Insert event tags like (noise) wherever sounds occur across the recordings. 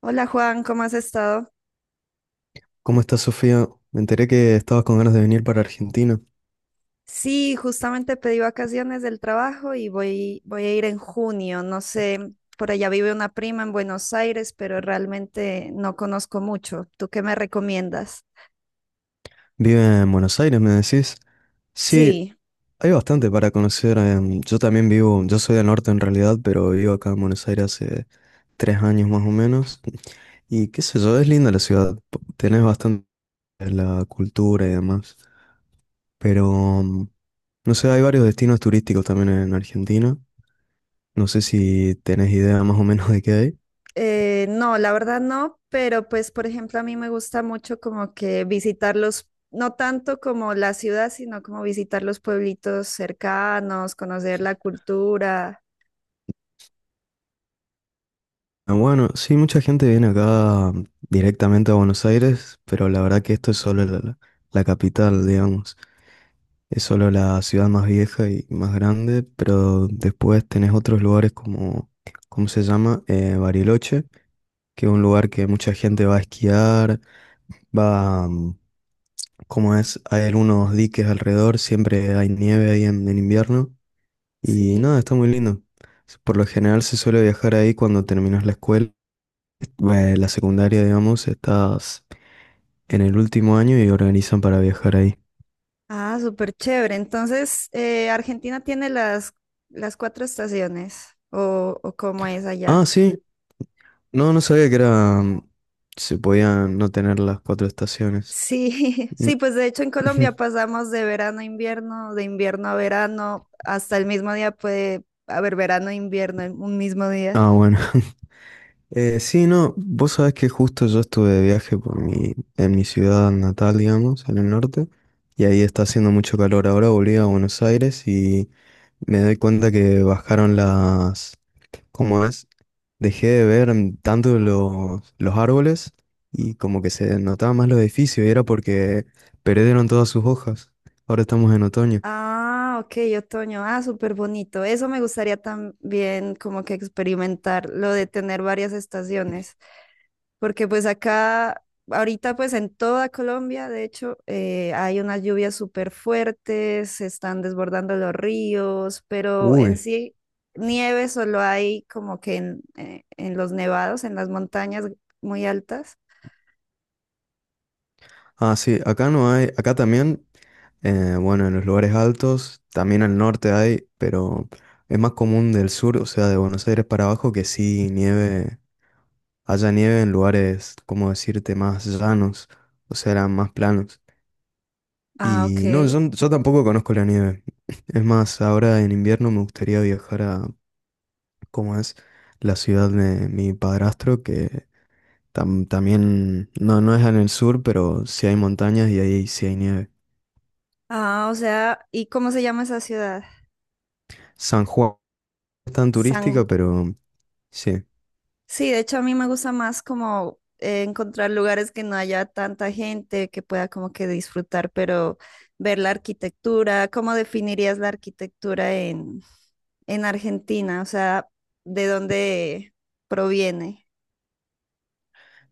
Hola Juan, ¿cómo has estado? ¿Cómo estás, Sofía? Me enteré que estabas con ganas de venir para Argentina. Sí, justamente pedí vacaciones del trabajo y voy a ir en junio. No sé, por allá vive una prima en Buenos Aires, pero realmente no conozco mucho. ¿Tú qué me recomiendas? Vive en Buenos Aires, me decís. Sí, Sí, hay bastante para conocer. Yo también vivo, yo soy del norte en realidad, pero vivo acá en Buenos Aires hace 3 años más o menos. Y qué sé yo, es linda la ciudad. Tenés bastante de la cultura y demás. Pero, mm, no sé, hay varios destinos turísticos también en Argentina. No sé si tenés idea más o menos de qué hay. No, la verdad no, pero pues por ejemplo a mí me gusta mucho como que visitar los, no tanto como la ciudad, sino como visitar los pueblitos cercanos, conocer la cultura. Ah, bueno, sí, mucha gente viene acá directamente a Buenos Aires, pero la verdad que esto es solo la capital, digamos. Es solo la ciudad más vieja y más grande, pero después tenés otros lugares como, ¿cómo se llama? Bariloche, que es un lugar que mucha gente va a esquiar, va, como es, hay algunos diques alrededor, siempre hay nieve ahí en invierno, y Sí. nada, está muy lindo. Por lo general se suele viajar ahí cuando terminas la escuela la secundaria, digamos, estás en el último año y organizan para viajar ahí. Ah, súper chévere. Entonces, Argentina tiene las cuatro estaciones, o cómo es allá. Ah, sí, no, no sabía que era se podían no tener las cuatro estaciones. Sí, (laughs) Mm, sí, pues de hecho en (laughs) Colombia ujú. pasamos de verano a invierno, de invierno a verano, hasta el mismo día puede haber verano e invierno en un mismo día. Ah, bueno. (laughs) Sí, no, vos sabés que justo yo estuve de viaje en mi ciudad natal, digamos, en el norte, y ahí está haciendo mucho calor. Ahora volví a Buenos Aires y me doy cuenta que bajaron las, como es, dejé de ver tanto los árboles y como que se notaba más los edificios y era porque perdieron todas sus hojas. Ahora estamos en otoño. Ah, ok, otoño. Ah, súper bonito. Eso me gustaría también como que experimentar, lo de tener varias estaciones. Porque pues acá, ahorita pues en toda Colombia, de hecho, hay unas lluvias súper fuertes, se están desbordando los ríos, pero en Uy, sí nieve solo hay como que en los nevados, en las montañas muy altas. ah, sí, acá no hay, acá también, bueno, en los lugares altos, también al norte hay, pero es más común del sur, o sea, de Buenos Aires para abajo, que sí nieve, haya nieve en lugares, como decirte, más llanos, o sea, eran más planos. Ah, Y no, ok. Yo tampoco conozco la nieve. (laughs) Es más, ahora en invierno me gustaría viajar a, ¿cómo es? La ciudad de mi padrastro, que también, no es en el sur, pero sí hay montañas y ahí sí hay nieve. Ah, o sea, ¿y cómo se llama esa ciudad? San Juan es tan San. turística, pero sí. Sí, de hecho a mí me gusta más como encontrar lugares que no haya tanta gente, que pueda como que disfrutar, pero ver la arquitectura, ¿cómo definirías la arquitectura en Argentina? O sea, ¿de dónde proviene?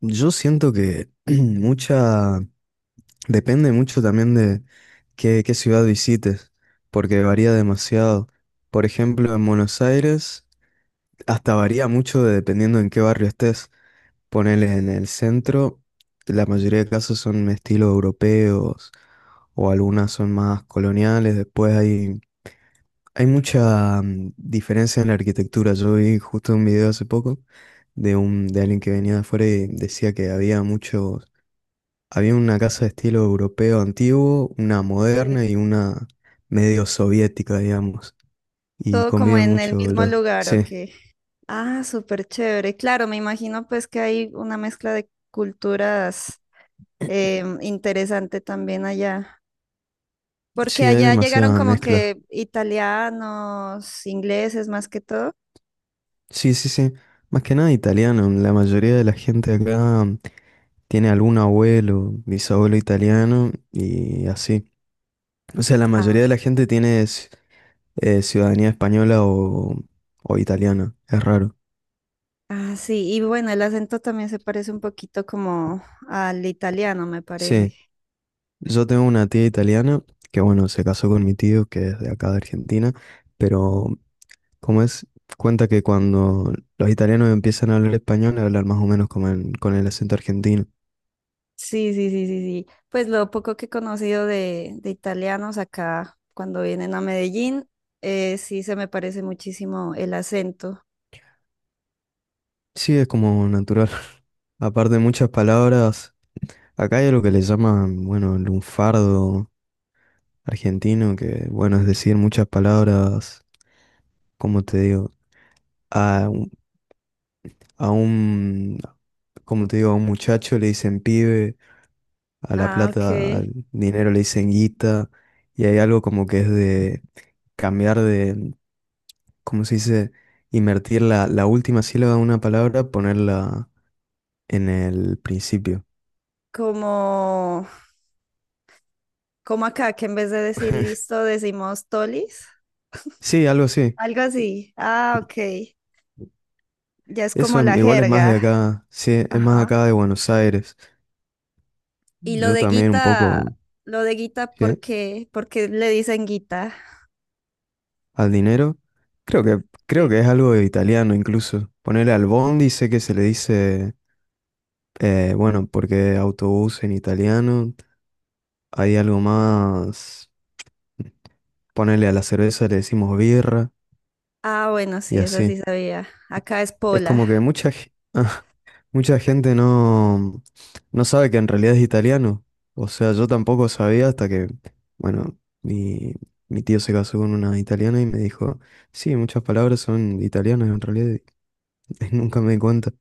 Yo siento que (clears throat) mucha, depende mucho también de qué ciudad visites, porque varía demasiado. Por ejemplo, en Buenos Aires, hasta varía mucho dependiendo en qué barrio estés. Ponele en el centro, la mayoría de casos son estilo europeos o algunas son más coloniales. Después hay mucha diferencia en la arquitectura. Yo vi justo un video hace poco de alguien que venía de afuera y decía que había muchos, había una casa de estilo europeo antiguo, una Sí. moderna y una medio soviética, digamos. Y Todo como conviven en el mucho mismo los, lugar, sí, ¿o qué? Ah, súper chévere. Claro, me imagino pues que hay una mezcla de culturas interesante también allá. Porque sí, hay allá llegaron demasiada como mezcla. que italianos, ingleses más que todo. Sí, sí, sí. Más que nada italiano. La mayoría de la gente acá tiene algún abuelo, bisabuelo italiano y así. O sea, la Ah, mayoría de la gente tiene ciudadanía española o italiana. Es raro. ah, sí, y bueno, el acento también se parece un poquito como al italiano, me parece. Sí, yo tengo una tía italiana que, bueno, se casó con mi tío, que es de acá de Argentina, pero como es, cuenta que cuando los italianos empiezan a hablar español, hablan más o menos como con el acento argentino. Sí, sí, sí, sí, sí. Pues lo poco que he conocido de italianos acá cuando vienen a Medellín, sí se me parece muchísimo el acento. Sí, es como natural. (laughs) Aparte de muchas palabras, acá hay algo que le llaman, bueno, el lunfardo argentino, que bueno, es decir, muchas palabras, como te digo? A, un, a un- como te digo? A un muchacho le dicen pibe, a la Ah, plata, ok. al dinero le dicen guita, y hay algo como que es de cambiar de, ¿cómo se dice? Invertir la última sílaba de una palabra, ponerla en el principio. Como, como acá, que en vez de decir listo, decimos tolis. Sí, algo así. Algo así. Ah, ok. Ya es como Eso la igual es más de jerga. acá, sí, es más acá Ajá. de Buenos Aires. Y Yo también un poco, lo de Guita, ¿sí? ¿por qué? ¿Por qué le dicen Guita? Al dinero. Creo que, creo Sí. que es algo de italiano incluso. Ponerle al bondi, sé que se le dice, bueno, porque autobús en italiano. Hay algo más, ponerle a la cerveza le decimos birra Ah, bueno, y sí, esa sí así. sabía. Acá es Es Pola. como que mucha, (laughs) mucha gente no sabe que en realidad es italiano. O sea, yo tampoco sabía hasta que, bueno, mi tío se casó con una italiana y me dijo, sí, muchas palabras son italianas en realidad. (laughs) Y nunca me di cuenta,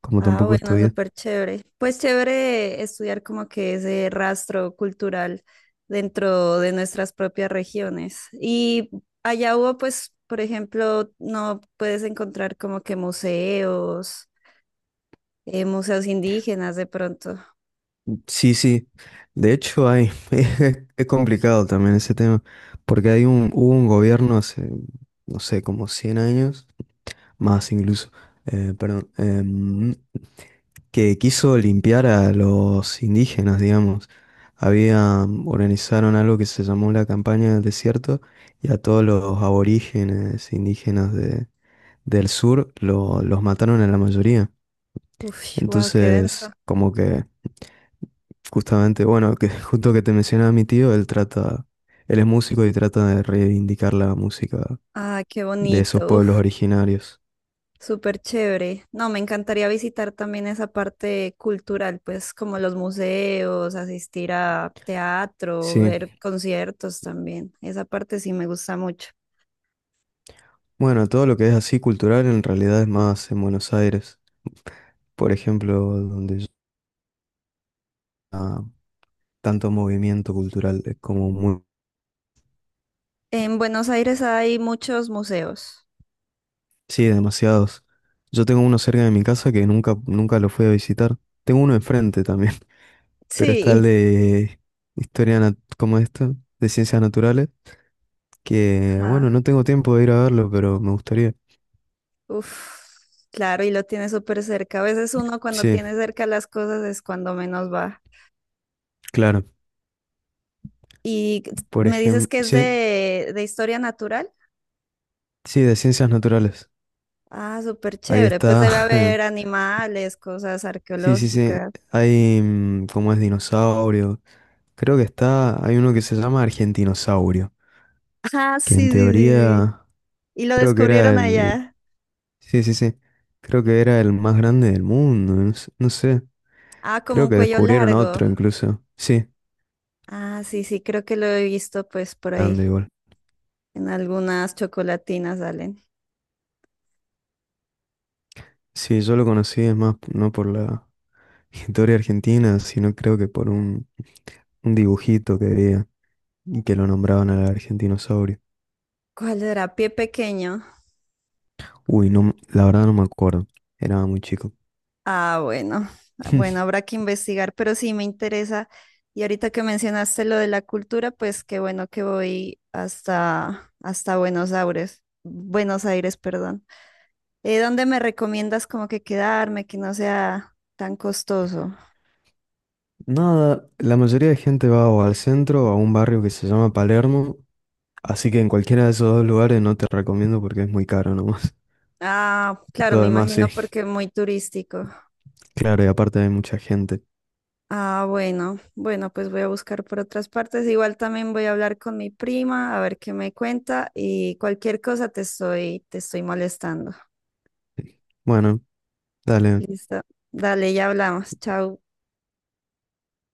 como Ah, tampoco bueno, estudié. súper chévere. Pues chévere estudiar como que ese rastro cultural dentro de nuestras propias regiones. Y allá hubo, pues, por ejemplo, no puedes encontrar como que museos, museos indígenas de pronto. Sí, sí. De hecho, hay, (laughs) es complicado también ese tema, porque hay un, hubo un gobierno hace, no sé, como 100 años, más incluso, perdón, que quiso limpiar a los indígenas, digamos. Había, organizaron algo que se llamó la campaña del desierto y a todos los aborígenes indígenas del sur los mataron a la mayoría. Uf, wow, qué denso. Entonces, como que justamente, bueno, que (laughs) justo que te mencionaba mi tío, él trata, él es músico y trata de reivindicar la música Ah, qué de esos bonito. pueblos originarios. Súper chévere. No, me encantaría visitar también esa parte cultural, pues como los museos, asistir a teatro, Sí, ver conciertos también. Esa parte sí me gusta mucho. bueno, todo lo que es así cultural en realidad es más en Buenos Aires. Por ejemplo, donde ah, tanto movimiento cultural, es como muy... En Buenos Aires hay muchos museos. Sí, demasiados. Yo tengo uno cerca de mi casa que nunca, nunca lo fui a visitar. Tengo uno enfrente también, (laughs) pero está Sí, y. el de historia como esto, de ciencias naturales, que bueno, Ajá. no tengo tiempo de ir a verlo, pero me gustaría. Uf, claro, y lo tiene súper cerca. A veces uno cuando Sí, tiene cerca las cosas es cuando menos va. claro. Y Por me dices ejemplo, que es sí, de historia natural. sí, de ciencias naturales. Ah, súper Ahí chévere. Pues está. debe haber (laughs) animales, cosas Sí, sí, sí. arqueológicas. Hay como es, dinosaurio. Creo que está, hay uno que se llama Argentinosaurio, Ah, que en sí, sí, sí, sí. teoría Y lo creo que era descubrieron el... allá. Sí, sí, sí. Creo que era el más grande del mundo. No, no sé. Ah, como Creo un que cuello descubrieron largo. otro incluso. Sí, Ah, sí, sí, creo que lo he visto pues por ahí. grande igual. En algunas chocolatinas salen. Sí, yo lo conocí, es más, no por la (laughs) historia argentina, sino creo que por un dibujito que veía y que lo nombraban al argentinosaurio. ¿Cuál era? Pie pequeño. Uy, no, la verdad no me acuerdo. Era muy chico. Ah, bueno. Ah, bueno, (laughs) habrá que investigar, pero sí me interesa. Y ahorita que mencionaste lo de la cultura, pues qué bueno que voy hasta, hasta Buenos Aires. Buenos Aires, perdón. ¿Dónde me recomiendas como que quedarme, que no sea tan costoso? Nada, la mayoría de gente va o al centro o a un barrio que se llama Palermo. Así que en cualquiera de esos dos lugares no te recomiendo porque es muy caro nomás. Ah, (laughs) claro, Lo me demás imagino sí, porque es muy turístico. claro, y aparte hay mucha gente. Ah, bueno, bueno, pues voy a buscar por otras partes. Igual también voy a hablar con mi prima a ver qué me cuenta y cualquier cosa te estoy molestando. Bueno, dale, Listo. Dale, ya hablamos. Chao.